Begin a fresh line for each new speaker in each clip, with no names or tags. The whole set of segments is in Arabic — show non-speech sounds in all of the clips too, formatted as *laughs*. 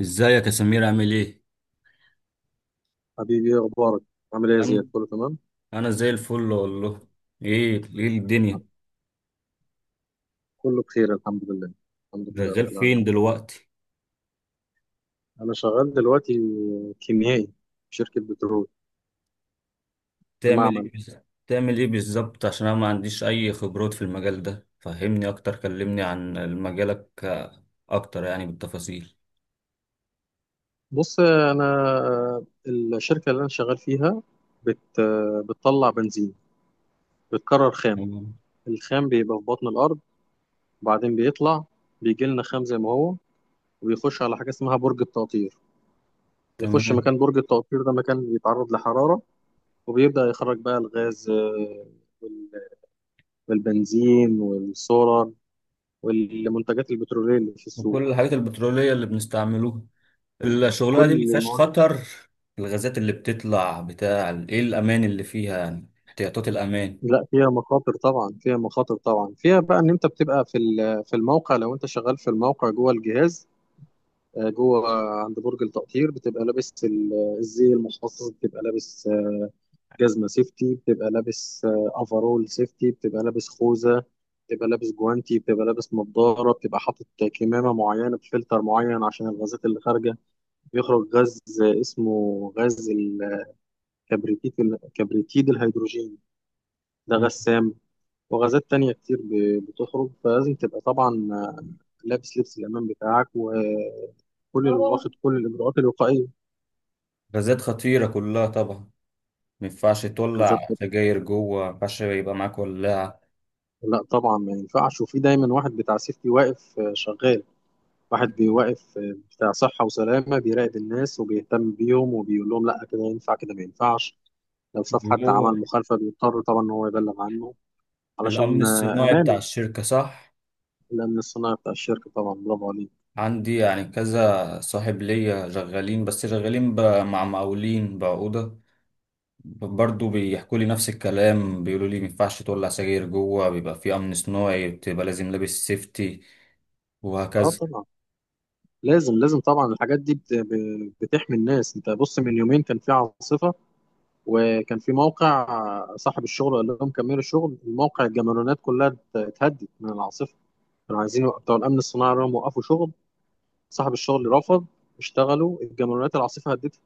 ازيك يا سمير، عامل ايه؟
حبيبي، إيه اخبارك؟ عامل ايه يا زياد؟
انا
كله تمام؟
انا زي الفل والله. ايه الدنيا؟
كله بخير، الحمد لله، الحمد لله
شغال
رب
فين
العالمين.
دلوقتي؟
انا شغال دلوقتي كيميائي في شركه بترول، في
تعمل
معمل.
ايه بز- تعمل ايه بالظبط؟ عشان انا ما عنديش اي خبرات في المجال ده، فهمني اكتر، كلمني عن مجالك، اكتر يعني بالتفاصيل.
بص، انا الشركه اللي انا شغال فيها بت بتطلع بنزين، بتكرر خام.
تمام.
الخام بيبقى في بطن الارض، وبعدين بيطلع، بيجي لنا خام زي ما هو، وبيخش على حاجه اسمها برج التقطير. يخش
تمام.
مكان برج التقطير ده، مكان بيتعرض لحراره، وبيبدا يخرج بقى الغاز، وال- والبنزين والسولار والمنتجات البترولية اللي في
وكل
السوق.
الحاجات البترولية اللي بنستعملوها، الشغلانة
كل
دي ما فيهاش
المواد.
خطر؟ الغازات اللي بتطلع بتاع ايه الامان اللي فيها؟ يعني احتياطات الامان.
لا، فيها مخاطر طبعا، فيها مخاطر طبعا، فيها بقى ان انت بتبقى في الموقع. لو انت شغال في الموقع جوه الجهاز، جوه عند برج التقطير، بتبقى لابس الزي المخصص، بتبقى لابس جزمة سيفتي، بتبقى لابس افرول سيفتي، بتبقى لابس خوذة، بتبقى لابس جوانتي، بتبقى لابس نظارة، بتبقى حاطط كمامة معينة بفلتر معين عشان الغازات اللي خارجة. بيخرج غاز، اسمه غاز كبريتيد الهيدروجين، ده
مم.
غسام. وغازات تانية كتير بتخرج، فلازم تبقى طبعا لابس لبس الأمان بتاعك، وكل اللي
اه،
واخد كل الإجراءات الوقائية.
غازات خطيرة كلها طبعا، ما ينفعش
غازات.
تولع سجاير جوه، ما ينفعش يبقى معاك ولاعة.
لا طبعا، ما ينفعش. وفي دايما واحد بتاع سيفتي واقف، شغال. واحد بيوقف، بتاع صحة وسلامة، بيراقب الناس وبيهتم بيهم وبيقول لهم: لا كده ينفع، كده ما ينفعش. لو شاف
اللي
حد
هو
عمل مخالفة بيضطر طبعا إن هو يبلغ عنه،
الأمن
علشان
الصناعي بتاع
أمانه.
الشركة، صح؟
الأمن الصناعي بتاع الشركة، طبعا، برافو عليك.
عندي يعني كذا صاحب ليا شغالين، بس شغالين مع مقاولين بعقودة، برضه بيحكوا لي نفس الكلام، بيقولوا لي ما ينفعش تولع سجاير جوه، بيبقى في أمن صناعي، بتبقى لازم لابس سيفتي،
اه
وهكذا.
طبعا، لازم لازم طبعا الحاجات دي بتحمي الناس. انت بص، من يومين كان في عاصفة، وكان في موقع، صاحب الشغل قال لهم: كملوا الشغل. الموقع الجمالونات كلها اتهدت من العاصفة. كانوا عايزين بتوع الأمن الصناعي راهم وقفوا شغل. صاحب الشغل رفض، اشتغلوا، الجمالونات العاصفة هدتها،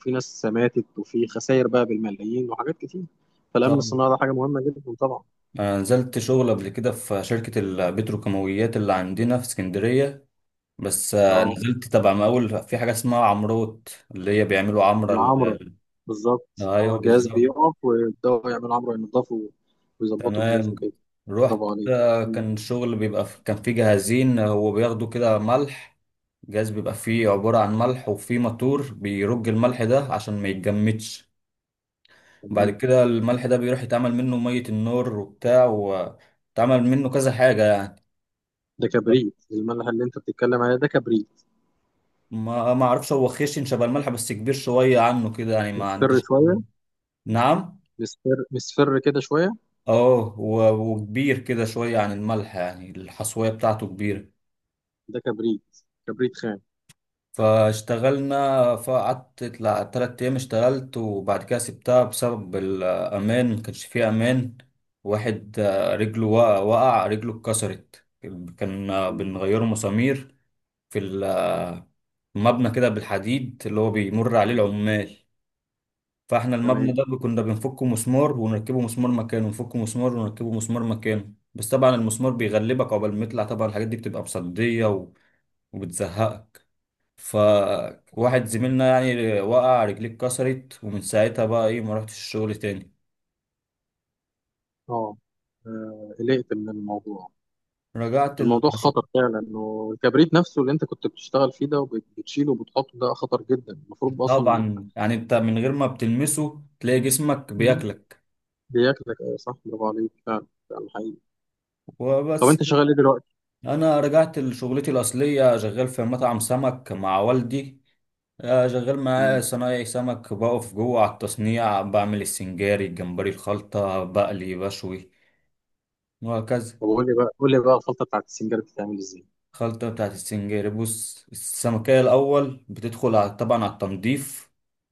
في ناس ماتت وفي خسائر بقى بالملايين وحاجات كتير. فالأمن
طب
الصناعي ده حاجة مهمة جدا طبعا.
أنا نزلت شغل قبل كده في شركة البتروكيماويات اللي عندنا في اسكندرية، بس
اه،
نزلت تبع مقاول في حاجة اسمها عمروت، اللي هي بيعملوا عمرة
العمرة، بالظبط. اه،
ايوه
الجهاز
بالظبط.
بيقف ويبدأوا يعملوا عمرة، ينضفوا ويظبطوا الجهاز
تمام.
وكده.
رحت،
برافو عليك. مم.
كان شغل بيبقى كان فيه جهازين، هو بياخدوا كده ملح. جهاز بيبقى فيه عبارة عن ملح، وفيه موتور بيرج الملح ده عشان ما يتجمدش. بعد
تمام.
كده الملح ده بيروح يتعمل منه مية النور وبتاع، وتعمل منه كذا حاجة يعني.
ده كبريت. الملح اللي انت بتتكلم عليه ده كبريت.
ما اعرفش، هو خشن شبه الملح بس كبير شوية عنه كده يعني، ما
مصفر
عنديش.
شويه،
نعم.
مصفر مصفر كده شويه.
اه، وكبير كده شوية عن الملح يعني، الحصوية بتاعته كبيرة.
ده كبريت، كبريت خام.
فاشتغلنا، فقعدت 3 أيام اشتغلت، وبعد كده سبتها بسبب الأمان، مكانش فيه أمان. واحد رجله وقع رجله اتكسرت. كان
مم.
بنغيره مسامير في المبنى كده بالحديد اللي هو بيمر عليه العمال، فاحنا المبنى
تمام.
ده كنا بنفكه مسمار ونركبه مسمار مكانه، نفكه مسمار ونركبه مسمار مكانه. بس طبعا المسمار بيغلبك عقبال ما يطلع، طبعا الحاجات دي بتبقى مصدية وبتزهقك. فواحد زميلنا يعني وقع، رجليه اتكسرت، ومن ساعتها بقى ايه، ما رحتش الشغل تاني.
اه، قلقت من الموضوع.
رجعت ال...
الموضوع خطر فعلا، انه الكبريت نفسه اللي انت كنت بتشتغل فيه ده وبتشيله وبتحطه، ده خطر جدا، المفروض اصلا.
طبعا يعني انت من غير ما بتلمسه تلاقي جسمك
مم.
بياكلك.
بياكلك، ايوه صح، برافو عليك فعلا، فعلا حقيقي. طب
وبس.
انت شغال ايه دلوقتي؟
انا رجعت لشغلتي الاصليه، شغال في مطعم سمك مع والدي. شغال معاه
مم.
صنايعي سمك، بقف جوه على التصنيع، بعمل السنجاري الجمبري الخلطه، بقلي بشوي وهكذا.
طب قول لي بقى الخلطه بتاعت السنجارة بتتعمل ازاي؟
الخلطه بتاعت السنجاري، بص السمكيه الاول بتدخل على طبعا على التنظيف،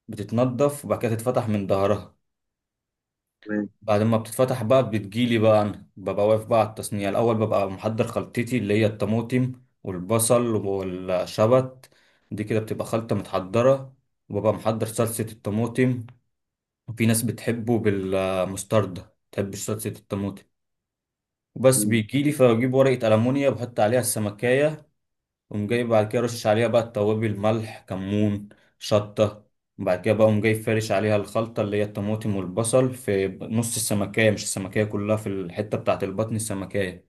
بتتنضف، وبعد كده تتفتح من ظهرها.
تمام.
بعد ما بتتفتح بقى بتجيلي بقى، أنا ببقى واقف بقى على التصنيع. الأول ببقى محضر خلطتي اللي هي الطماطم والبصل والشبت، دي كده بتبقى خلطة متحضرة، وببقى محضر صلصة الطماطم، وفي ناس بتحبه بالمستردة، متحبش صلصة الطماطم. وبس
مم.
بيجيلي فبجيب ورقة ألمونيا، بحط عليها السمكاية، قوم جاي بعد كده رشش عليها بقى التوابل، ملح كمون شطة. بعد كده بقى قوم جاي فارش عليها الخلطة اللي هي الطماطم والبصل في نص السمكية، مش السمكية كلها، في الحتة بتاعة البطن السمكية.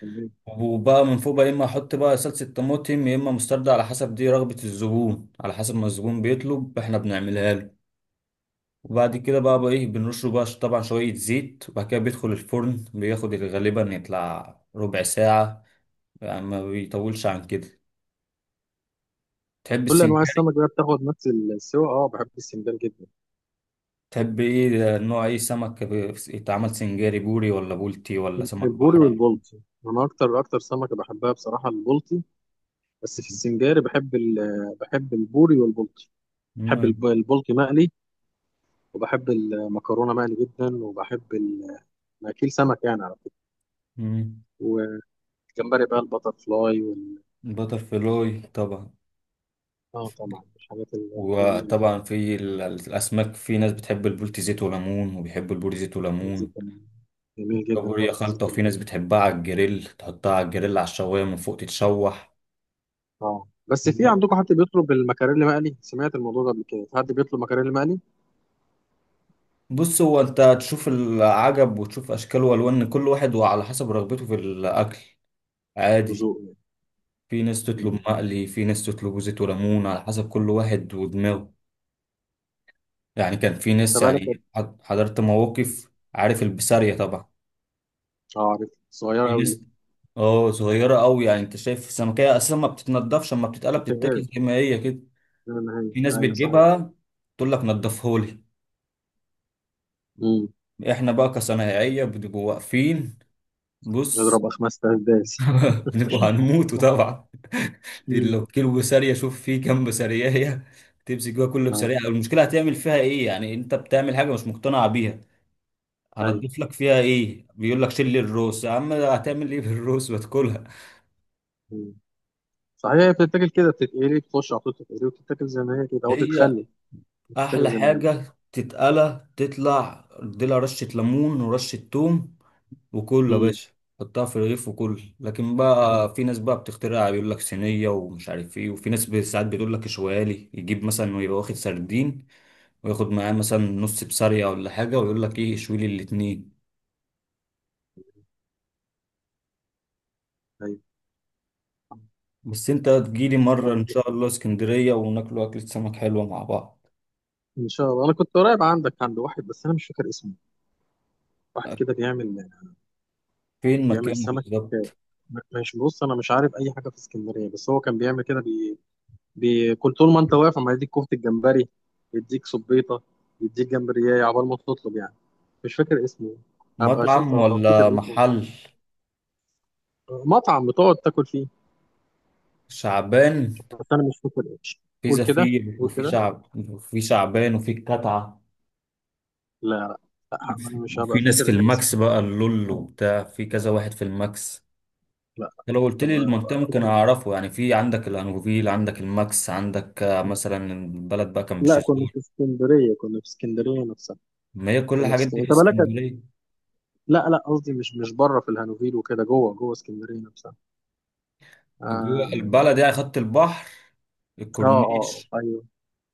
تمام.
وبقى من فوق بقى يا إما أحط بقى صلصة طماطم يا إما مستردة، على حسب دي رغبة الزبون، على حسب ما الزبون بيطلب إحنا بنعملها له. وبعد كده بقى إيه، بنرشه بقى طبعا شوية زيت، وبعد كده بيدخل الفرن، بياخد غالبا يطلع ربع ساعة يعني، ما بيطولش عن كده. تحب
كل
السنجاب؟
انواع السمك بقى بتاخد نفس السوا. اه، بحب السنجال جدا.
تحب ايه، نوع ايه سمك يتعمل سنجاري؟ بوري ولا بولتي ولا سمك
البوري
بحر؟
والبلطي، انا اكتر اكتر سمكه بحبها بصراحه البلطي. بس في السنجاري بحب البوري والبلطي. بحب
مم.
البلطي مقلي. وبحب المكرونه مقلي جدا، وبحب أنا اكيل سمك يعني، على فكره.
مم.
والجمبري بقى، البتر فلاي
بتر فلاي طبعا.
اه طبعا، الحاجات الجميله دي.
وطبعا في الاسماك، في ناس بتحب البولتي زيت وليمون، وبيحبوا البوري زيت وليمون.
والزيت كمان. جميل جدا،
كابوريا
برضه الزيت
خلطه، وفي ناس
كمان.
بتحبها على الجريل، تحطها على الجريل على الشوايه من فوق تتشوح.
اه، بس في
هو
عندكم حد بيطلب المكاريلي مقلي؟ سمعت الموضوع ده قبل كده، حد بيطلب مكاريلي مقلي.
بص، هو انت تشوف العجب وتشوف اشكال والوان، كل واحد وعلى حسب رغبته في الاكل، عادي.
وذوق يعني.
في ناس تطلب
مم.
مقلي، في ناس تطلب زيت وليمون، على حسب كل واحد ودماغه. يعني كان في
انت
ناس
بالك قد
يعني حضرت مواقف، عارف البسارية
إيه؟
طبعا؟
اه، عارف،
في
صغيرة أوي
ناس،
دي.
اه صغيرة قوي يعني، انت شايف السمكية اساسا ما بتتنضفش، اما بتتقلب بتتاكل
مفيهاش
زي ما هي كده.
لا نهاية،
في ناس
أيوة صحيح.
بتجيبها تقول لك نضفهولي،
امم.
احنا بقى كصنايعية بنبقوا واقفين،
نضرب
بص.
أخماس أسداس.
*laughs* نبقوا هنموتوا طبعا. لو
امم.
كيلو بسارية، شوف فيه كام بسارية، تمسك جوا كل
*laughs* اه.
بسارية، المشكلة هتعمل فيها ايه يعني، انت بتعمل حاجة مش مقتنع بيها،
أيوه.
هنضيف لك فيها ايه؟ بيقول لك شيل لي الروس يا عم، هتعمل ايه بالروس وتاكلها؟
مم. صحيح، هي بتتاكل كده، بتتقلي تخش على طول تتقلي وتتاكل زي ما هي كده، أو
هي
تتخلل. بتتاكل
احلى
زي ما هي.
حاجة تتقلى، تطلع اديلها رشة ليمون ورشة توم، وكل يا
امم.
باشا، حطها في الرغيف وكل. لكن بقى في ناس بقى بتخترع، بيقول لك صينيه ومش عارف ايه، وفي ناس ساعات بتقول لك شوالي، يجيب مثلا ويبقى واخد سردين، وياخد معاه مثلا نص بسارية ولا حاجه، ويقول لك ايه اشوي لي الاتنين.
أيوه.
بس انت تجيلي مره
طب
ان شاء الله اسكندريه، وناكلوا اكله سمك حلوه مع بعض.
إن شاء الله. أنا كنت قريب عندك، عند واحد، بس أنا مش فاكر اسمه. واحد كده بيعمل.
فين
بيعمل
مكانه
سمك.
بالظبط؟
مش بص، أنا مش عارف أي حاجة في اسكندرية، بس هو كان بيعمل كده. كنت طول ما انت واقف عم يديك كفتة الجمبري، يديك صبيطة، يديك جمبرية عبال ما تطلب يعني. مش فاكر اسمه. هبقى اشوف،
مطعم
هبقى
ولا
افتكر اسمه.
محل؟
مطعم بتقعد تاكل فيه.
شعبان؟
بس انا مش فاكر ايش.
في
قول كده،
زفير،
قول
وفي
كده.
شعب، وفي شعبان، وفي القطعه.
لا لا. لا، انا مش هبقى
في ناس
افتكر
في
الاسم.
الماكس بقى اللول وبتاع، في كذا واحد في الماكس.
لا،
أنت لو قلت لي
هبقى
المنطقة ممكن
افتكر.
أعرفه، يعني في عندك الأنوفيل، عندك الماكس، عندك مثلا بلد بقى كان
لا، كنا
بشيزور.
في اسكندريه، كنا في اسكندريه نفسها.
ما هي كل
كنا في
الحاجات
اسكندريه.
دي في
انت بالك
اسكندرية،
لا لا، قصدي مش بره في الهانوفيل وكده، جوه جوه اسكندريه نفسها.
جوه
اه.
البلد يعني، خط البحر،
اه، آه،
الكورنيش.
ايوه.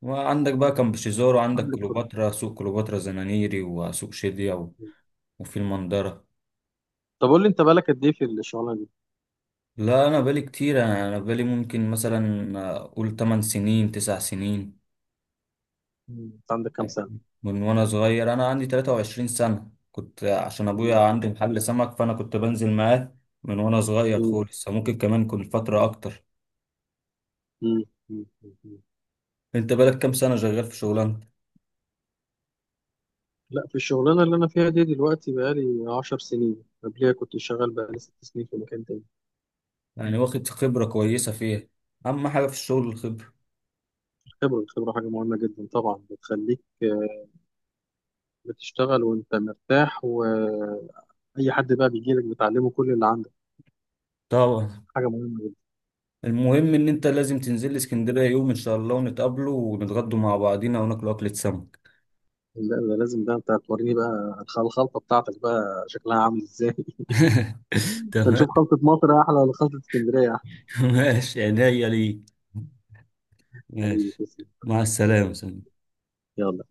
وعندك بقى كان بشيزور، وعندك
قبل الكورنيش.
كليوباترا، سوق كليوباترا زنانيري، وسوق شدية وفي المنظرة.
طب قول لي، انت بقالك قد ايه في الشغلانه دي؟
لا أنا بالي كتير، أنا بالي ممكن مثلا أقول 8 سنين 9 سنين.
مم. انت عندك كام سنه؟
من وانا صغير، انا عندي 23 سنة، كنت عشان ابويا
مم.
عندي محل سمك فانا كنت بنزل معاه من وانا صغير
مم.
خالص، ممكن كمان كنت فترة
مم.
اكتر.
مم. مم. مم.
انت بقالك كام سنة شغال في شغلانتك؟
لا، في الشغلانه اللي انا فيها دي دلوقتي بقالي 10 سنين. قبليها كنت شغال بقالي 6 سنين في مكان تاني.
يعني واخد خبرة كويسة فيها، اهم حاجة في الشغل الخبرة.
الخبره، الخبره حاجه مهمه جدا طبعا، بتخليك بتشتغل وانت مرتاح. واي حد بقى بيجي لك بتعلمه كل اللي عندك.
طبعا.
حاجه مهمه جدا.
المهم ان انت لازم تنزل لي اسكندرية يوم ان شاء الله، ونتقابلوا ونتغدوا مع بعضينا وناكلوا اكلة سمك.
لا، ده لازم بقى، انت هتوريني بقى الخلطه بتاعتك بقى شكلها عامل ازاي.
*laughs*
*laughs*
تمام.
هنشوف خلطه مصر احلى ولا خلطه اسكندريه احلى.
ماشي، عينيا ليك.
حبيبي
ماشي.
تسلم.
مع السلامة، سلام.
يلا.